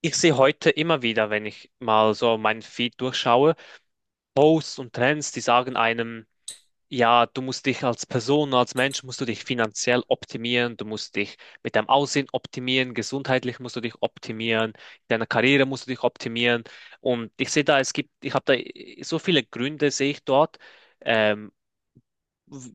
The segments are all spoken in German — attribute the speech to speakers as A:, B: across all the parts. A: Ich sehe heute immer wieder, wenn ich mal so meinen Feed durchschaue, Posts und Trends, die sagen einem, ja, du musst dich als Person, als Mensch, musst du dich finanziell optimieren, du musst dich mit deinem Aussehen optimieren, gesundheitlich musst du dich optimieren, in deiner Karriere musst du dich optimieren. Und ich sehe da, es gibt, ich habe da so viele Gründe, sehe ich dort, ähm,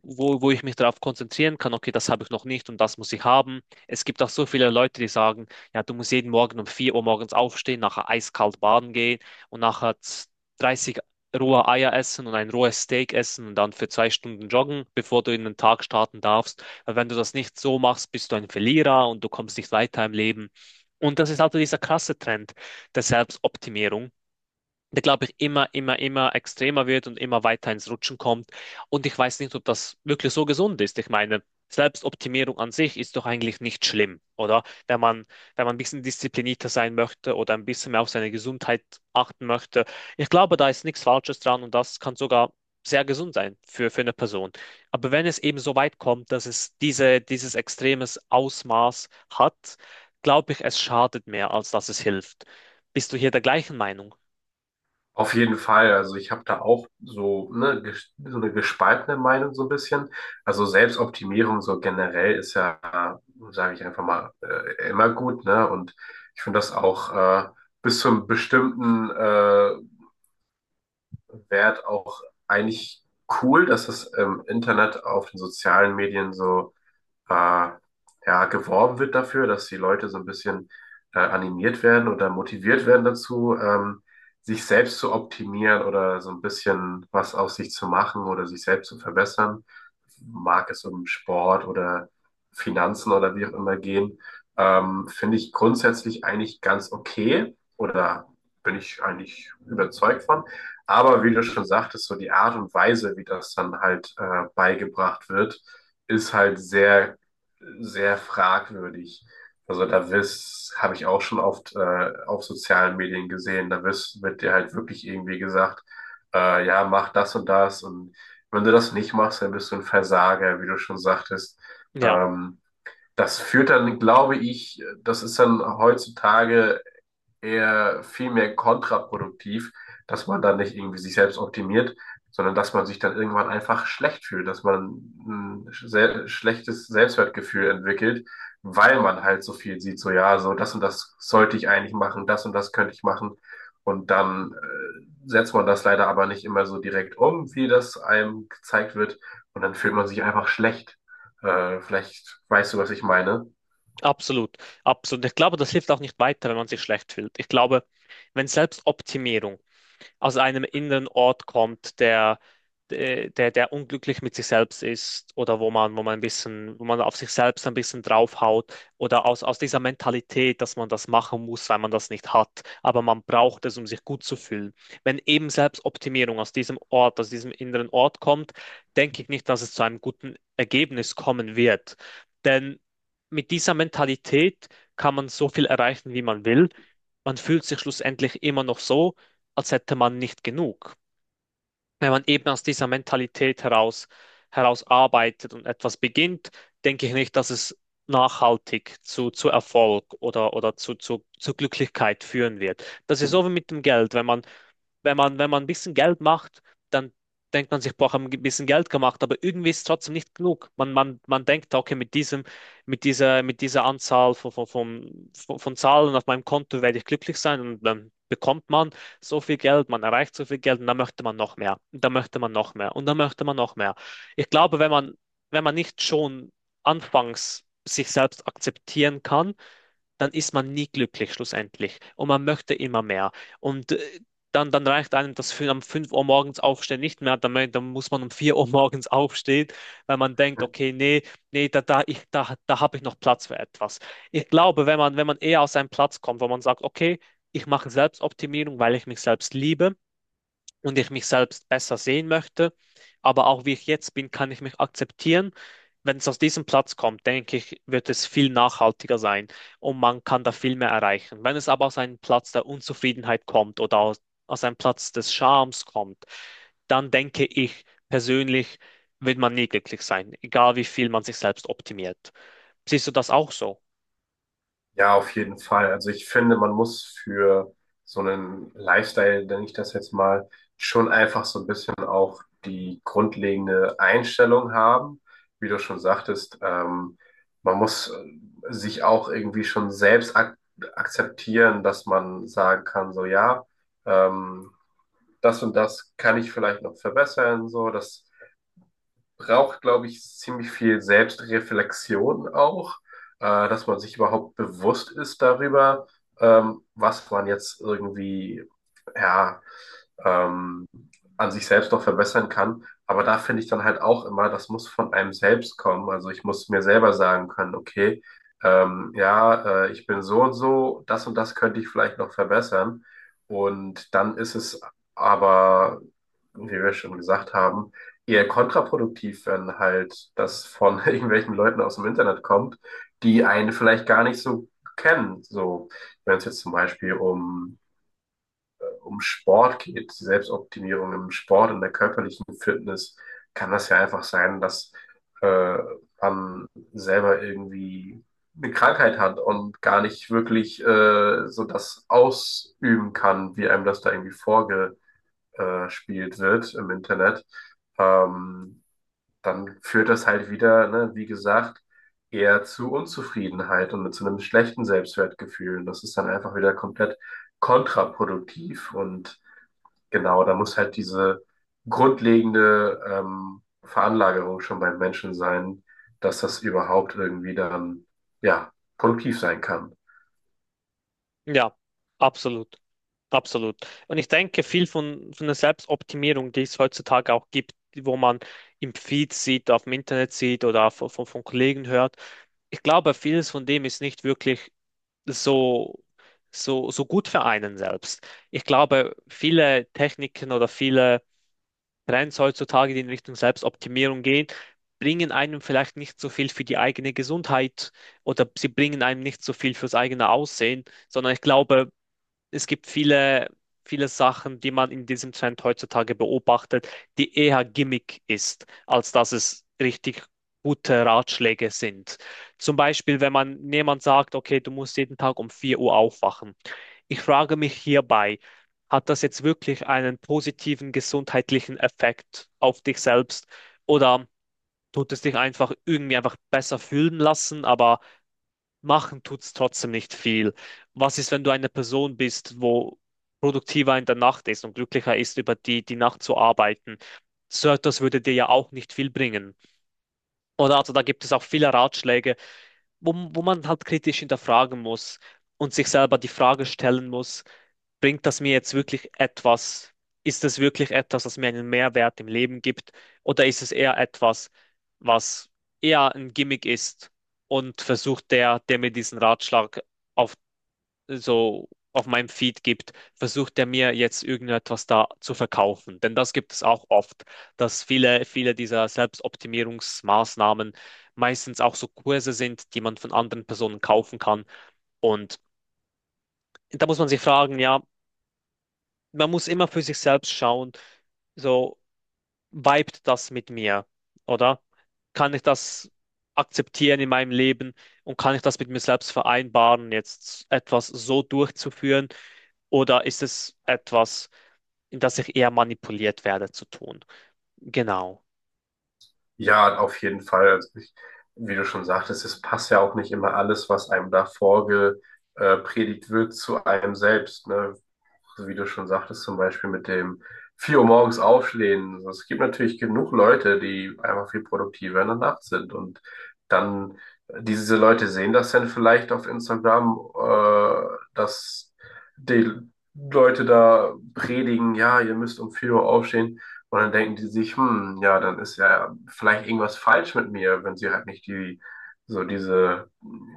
A: wo ich mich darauf konzentrieren kann, okay, das habe ich noch nicht und das muss ich haben. Es gibt auch so viele Leute, die sagen, ja, du musst jeden Morgen um 4 Uhr morgens aufstehen, nachher eiskalt baden gehen und nachher 30 rohe Eier essen und ein rohes Steak essen und dann für 2 Stunden joggen, bevor du in den Tag starten darfst. Weil wenn du das nicht so machst, bist du ein Verlierer und du kommst nicht weiter im Leben. Und das ist also dieser krasse Trend der Selbstoptimierung der, glaube ich, immer, immer, immer extremer wird und immer weiter ins Rutschen kommt. Und ich weiß nicht, ob das wirklich so gesund ist. Ich meine, Selbstoptimierung an sich ist doch eigentlich nicht schlimm, oder? Wenn man ein bisschen disziplinierter sein möchte oder ein bisschen mehr auf seine Gesundheit achten möchte. Ich glaube, da ist nichts Falsches dran und das kann sogar sehr gesund sein für eine Person. Aber wenn es eben so weit kommt, dass es dieses extremes Ausmaß hat, glaube ich, es schadet mehr, als dass es hilft. Bist du hier der gleichen Meinung?
B: Auf jeden Fall. Also ich habe da auch so, ne, so eine gespaltene Meinung so ein bisschen. Also Selbstoptimierung so generell ist ja, sage ich einfach mal, immer gut, ne? Und ich finde das auch bis zu einem bestimmten Wert auch eigentlich cool, dass es im Internet auf den sozialen Medien so äh, ja, geworben wird dafür, dass die Leute so ein bisschen animiert werden oder motiviert werden dazu, sich selbst zu optimieren oder so ein bisschen was aus sich zu machen oder sich selbst zu verbessern. Mag es um Sport oder Finanzen oder wie auch immer gehen. Finde ich grundsätzlich eigentlich ganz okay oder bin ich eigentlich überzeugt von. Aber wie du schon sagtest, so die Art und Weise, wie das dann halt beigebracht wird, ist halt sehr sehr fragwürdig. Also habe ich auch schon oft auf sozialen Medien gesehen, wird dir halt wirklich irgendwie gesagt, ja, mach das und das und wenn du das nicht machst, dann bist du ein Versager, wie du schon sagtest.
A: Ja.
B: Ähm, Das führt dann, glaube ich, das ist dann heutzutage eher viel mehr kontraproduktiv, dass man dann nicht irgendwie sich selbst optimiert, sondern dass man sich dann irgendwann einfach schlecht fühlt, dass man ein sehr schlechtes Selbstwertgefühl entwickelt, weil man halt so viel sieht, so ja, so das und das sollte ich eigentlich machen, das und das könnte ich machen. Und dann setzt man das leider aber nicht immer so direkt um, wie das einem gezeigt wird. Und dann fühlt man sich einfach schlecht. Vielleicht weißt du, was ich meine.
A: Absolut, absolut. Ich glaube, das hilft auch nicht weiter, wenn man sich schlecht fühlt. Ich glaube, wenn Selbstoptimierung aus einem inneren Ort kommt, der unglücklich mit sich selbst ist oder wo man auf sich selbst ein bisschen draufhaut oder aus dieser Mentalität, dass man das machen muss, weil man das nicht hat, aber man braucht es, um sich gut zu fühlen. Wenn eben Selbstoptimierung aus diesem Ort, aus diesem inneren Ort kommt, denke ich nicht, dass es zu einem guten Ergebnis kommen wird. Denn mit dieser Mentalität kann man so viel erreichen, wie man will. Man fühlt sich schlussendlich immer noch so, als hätte man nicht genug. Wenn man eben aus dieser Mentalität heraus arbeitet und etwas beginnt, denke ich nicht, dass es nachhaltig zu Erfolg oder zu Glücklichkeit führen wird. Das ist so wie mit dem Geld. Wenn man ein bisschen Geld macht, dann denkt man sich, boah, haben ein bisschen Geld gemacht, aber irgendwie ist es trotzdem nicht genug. Man denkt, okay, mit dieser Anzahl von Zahlen auf meinem Konto werde ich glücklich sein und dann bekommt man so viel Geld, man erreicht so viel Geld und dann möchte man noch mehr, und dann möchte man noch mehr und dann möchte man noch mehr. Ich glaube, wenn man nicht schon anfangs sich selbst akzeptieren kann, dann ist man nie glücklich schlussendlich und man möchte immer mehr. Und dann reicht einem das für am 5 Uhr morgens aufstehen nicht mehr, dann muss man um 4 Uhr morgens aufstehen, weil man denkt, okay, nee, nee, da habe ich noch Platz für etwas. Ich glaube, wenn man eher aus einem Platz kommt, wo man sagt, okay, ich mache Selbstoptimierung, weil ich mich selbst liebe und ich mich selbst besser sehen möchte. Aber auch wie ich jetzt bin, kann ich mich akzeptieren. Wenn es aus diesem Platz kommt, denke ich, wird es viel nachhaltiger sein und man kann da viel mehr erreichen. Wenn es aber aus einem Platz der Unzufriedenheit kommt oder aus einem Platz des Schams kommt, dann denke ich persönlich, wird man nie glücklich sein, egal wie viel man sich selbst optimiert. Siehst du das auch so?
B: Ja, auf jeden Fall. Also ich finde, man muss für so einen Lifestyle, nenne ich das jetzt mal, schon einfach so ein bisschen auch die grundlegende Einstellung haben. Wie du schon sagtest, man muss sich auch irgendwie schon selbst ak akzeptieren, dass man sagen kann, so ja, ähm, das und das kann ich vielleicht noch verbessern, so das braucht, glaube ich, ziemlich viel Selbstreflexion auch, dass man sich überhaupt bewusst ist darüber, was man jetzt irgendwie, ja, ähm, an sich selbst noch verbessern kann. Aber da finde ich dann halt auch immer, das muss von einem selbst kommen. Also ich muss mir selber sagen können, okay, ja, ich bin so und so, das und das könnte ich vielleicht noch verbessern. Und dann ist es aber, wie wir schon gesagt haben, eher kontraproduktiv, wenn halt das von irgendwelchen Leuten aus dem Internet kommt, die einen vielleicht gar nicht so kennen. So, wenn es jetzt zum Beispiel um Sport geht, die Selbstoptimierung im Sport, in der körperlichen Fitness, kann das ja einfach sein, dass äh, man selber irgendwie eine Krankheit hat und gar nicht wirklich so das ausüben kann, wie einem das da irgendwie vorgespielt wird im Internet. Ähm, Dann führt das halt wieder, ne, wie gesagt, eher zu Unzufriedenheit und zu einem schlechten Selbstwertgefühl. Und das ist dann einfach wieder komplett kontraproduktiv. Und genau, da muss halt diese grundlegende Veranlagerung schon beim Menschen sein, dass das überhaupt irgendwie dann, ja, produktiv sein kann.
A: Ja, absolut. Absolut. Und ich denke, viel von der Selbstoptimierung, die es heutzutage auch gibt, wo man im Feed sieht, auf dem Internet sieht oder von Kollegen hört, ich glaube, vieles von dem ist nicht wirklich so, so gut für einen selbst. Ich glaube, viele Techniken oder viele Trends heutzutage, die in Richtung Selbstoptimierung gehen, bringen einem vielleicht nicht so viel für die eigene Gesundheit oder sie bringen einem nicht so viel fürs eigene Aussehen, sondern ich glaube, es gibt viele, viele Sachen, die man in diesem Trend heutzutage beobachtet, die eher Gimmick ist, als dass es richtig gute Ratschläge sind. Zum Beispiel, wenn man jemand sagt, okay, du musst jeden Tag um 4 Uhr aufwachen. Ich frage mich hierbei, hat das jetzt wirklich einen positiven gesundheitlichen Effekt auf dich selbst oder tut es dich einfach irgendwie einfach besser fühlen lassen, aber machen tut's trotzdem nicht viel. Was ist, wenn du eine Person bist, wo produktiver in der Nacht ist und glücklicher ist, über die Nacht zu arbeiten? So etwas würde dir ja auch nicht viel bringen. Oder also da gibt es auch viele Ratschläge, wo man halt kritisch hinterfragen muss und sich selber die Frage stellen muss, bringt das mir jetzt wirklich etwas? Ist das wirklich etwas, das mir einen Mehrwert im Leben gibt? Oder ist es eher etwas, was eher ein Gimmick ist und versucht der mir diesen Ratschlag auf, so auf meinem Feed gibt, versucht der mir jetzt irgendetwas da zu verkaufen? Denn das gibt es auch oft, dass viele, viele dieser Selbstoptimierungsmaßnahmen meistens auch so Kurse sind, die man von anderen Personen kaufen kann und da muss man sich fragen, ja, man muss immer für sich selbst schauen, so vibet das mit mir, oder? Kann ich das akzeptieren in meinem Leben und kann ich das mit mir selbst vereinbaren, jetzt etwas so durchzuführen, oder ist es etwas, in das ich eher manipuliert werde zu tun? Genau.
B: Ja, auf jeden Fall. Also ich, wie du schon sagtest, es passt ja auch nicht immer alles, was einem da vorgepredigt predigt wird, zu einem selbst. Ne? So wie du schon sagtest, zum Beispiel mit dem 4 Uhr morgens aufstehen. Also es gibt natürlich genug Leute, die einfach viel produktiver in der Nacht sind. Und dann, diese Leute sehen das dann vielleicht auf Instagram, dass die Leute da predigen, ja, ihr müsst um 4 Uhr aufstehen. Und dann denken die sich, hm, ja, dann ist ja vielleicht irgendwas falsch mit mir, wenn sie halt nicht die, so diese,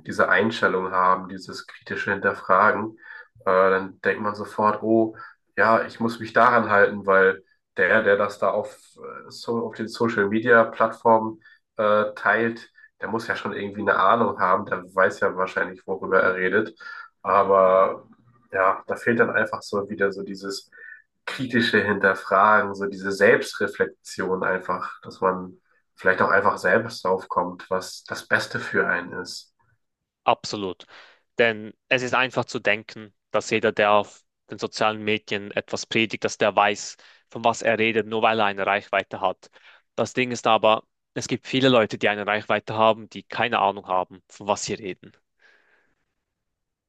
B: diese Einstellung haben, dieses kritische Hinterfragen. Dann denkt man sofort, oh, ja, ich muss mich daran halten, weil der das da auf den Social Media Plattformen teilt, der muss ja schon irgendwie eine Ahnung haben, der weiß ja wahrscheinlich, worüber er redet. Aber ja, da fehlt dann einfach so wieder so dieses kritische Hinterfragen, so diese Selbstreflexion einfach, dass man vielleicht auch einfach selbst drauf kommt, was das Beste für einen ist.
A: Absolut. Denn es ist einfach zu denken, dass jeder, der auf den sozialen Medien etwas predigt, dass der weiß, von was er redet, nur weil er eine Reichweite hat. Das Ding ist aber, es gibt viele Leute, die eine Reichweite haben, die keine Ahnung haben, von was sie reden.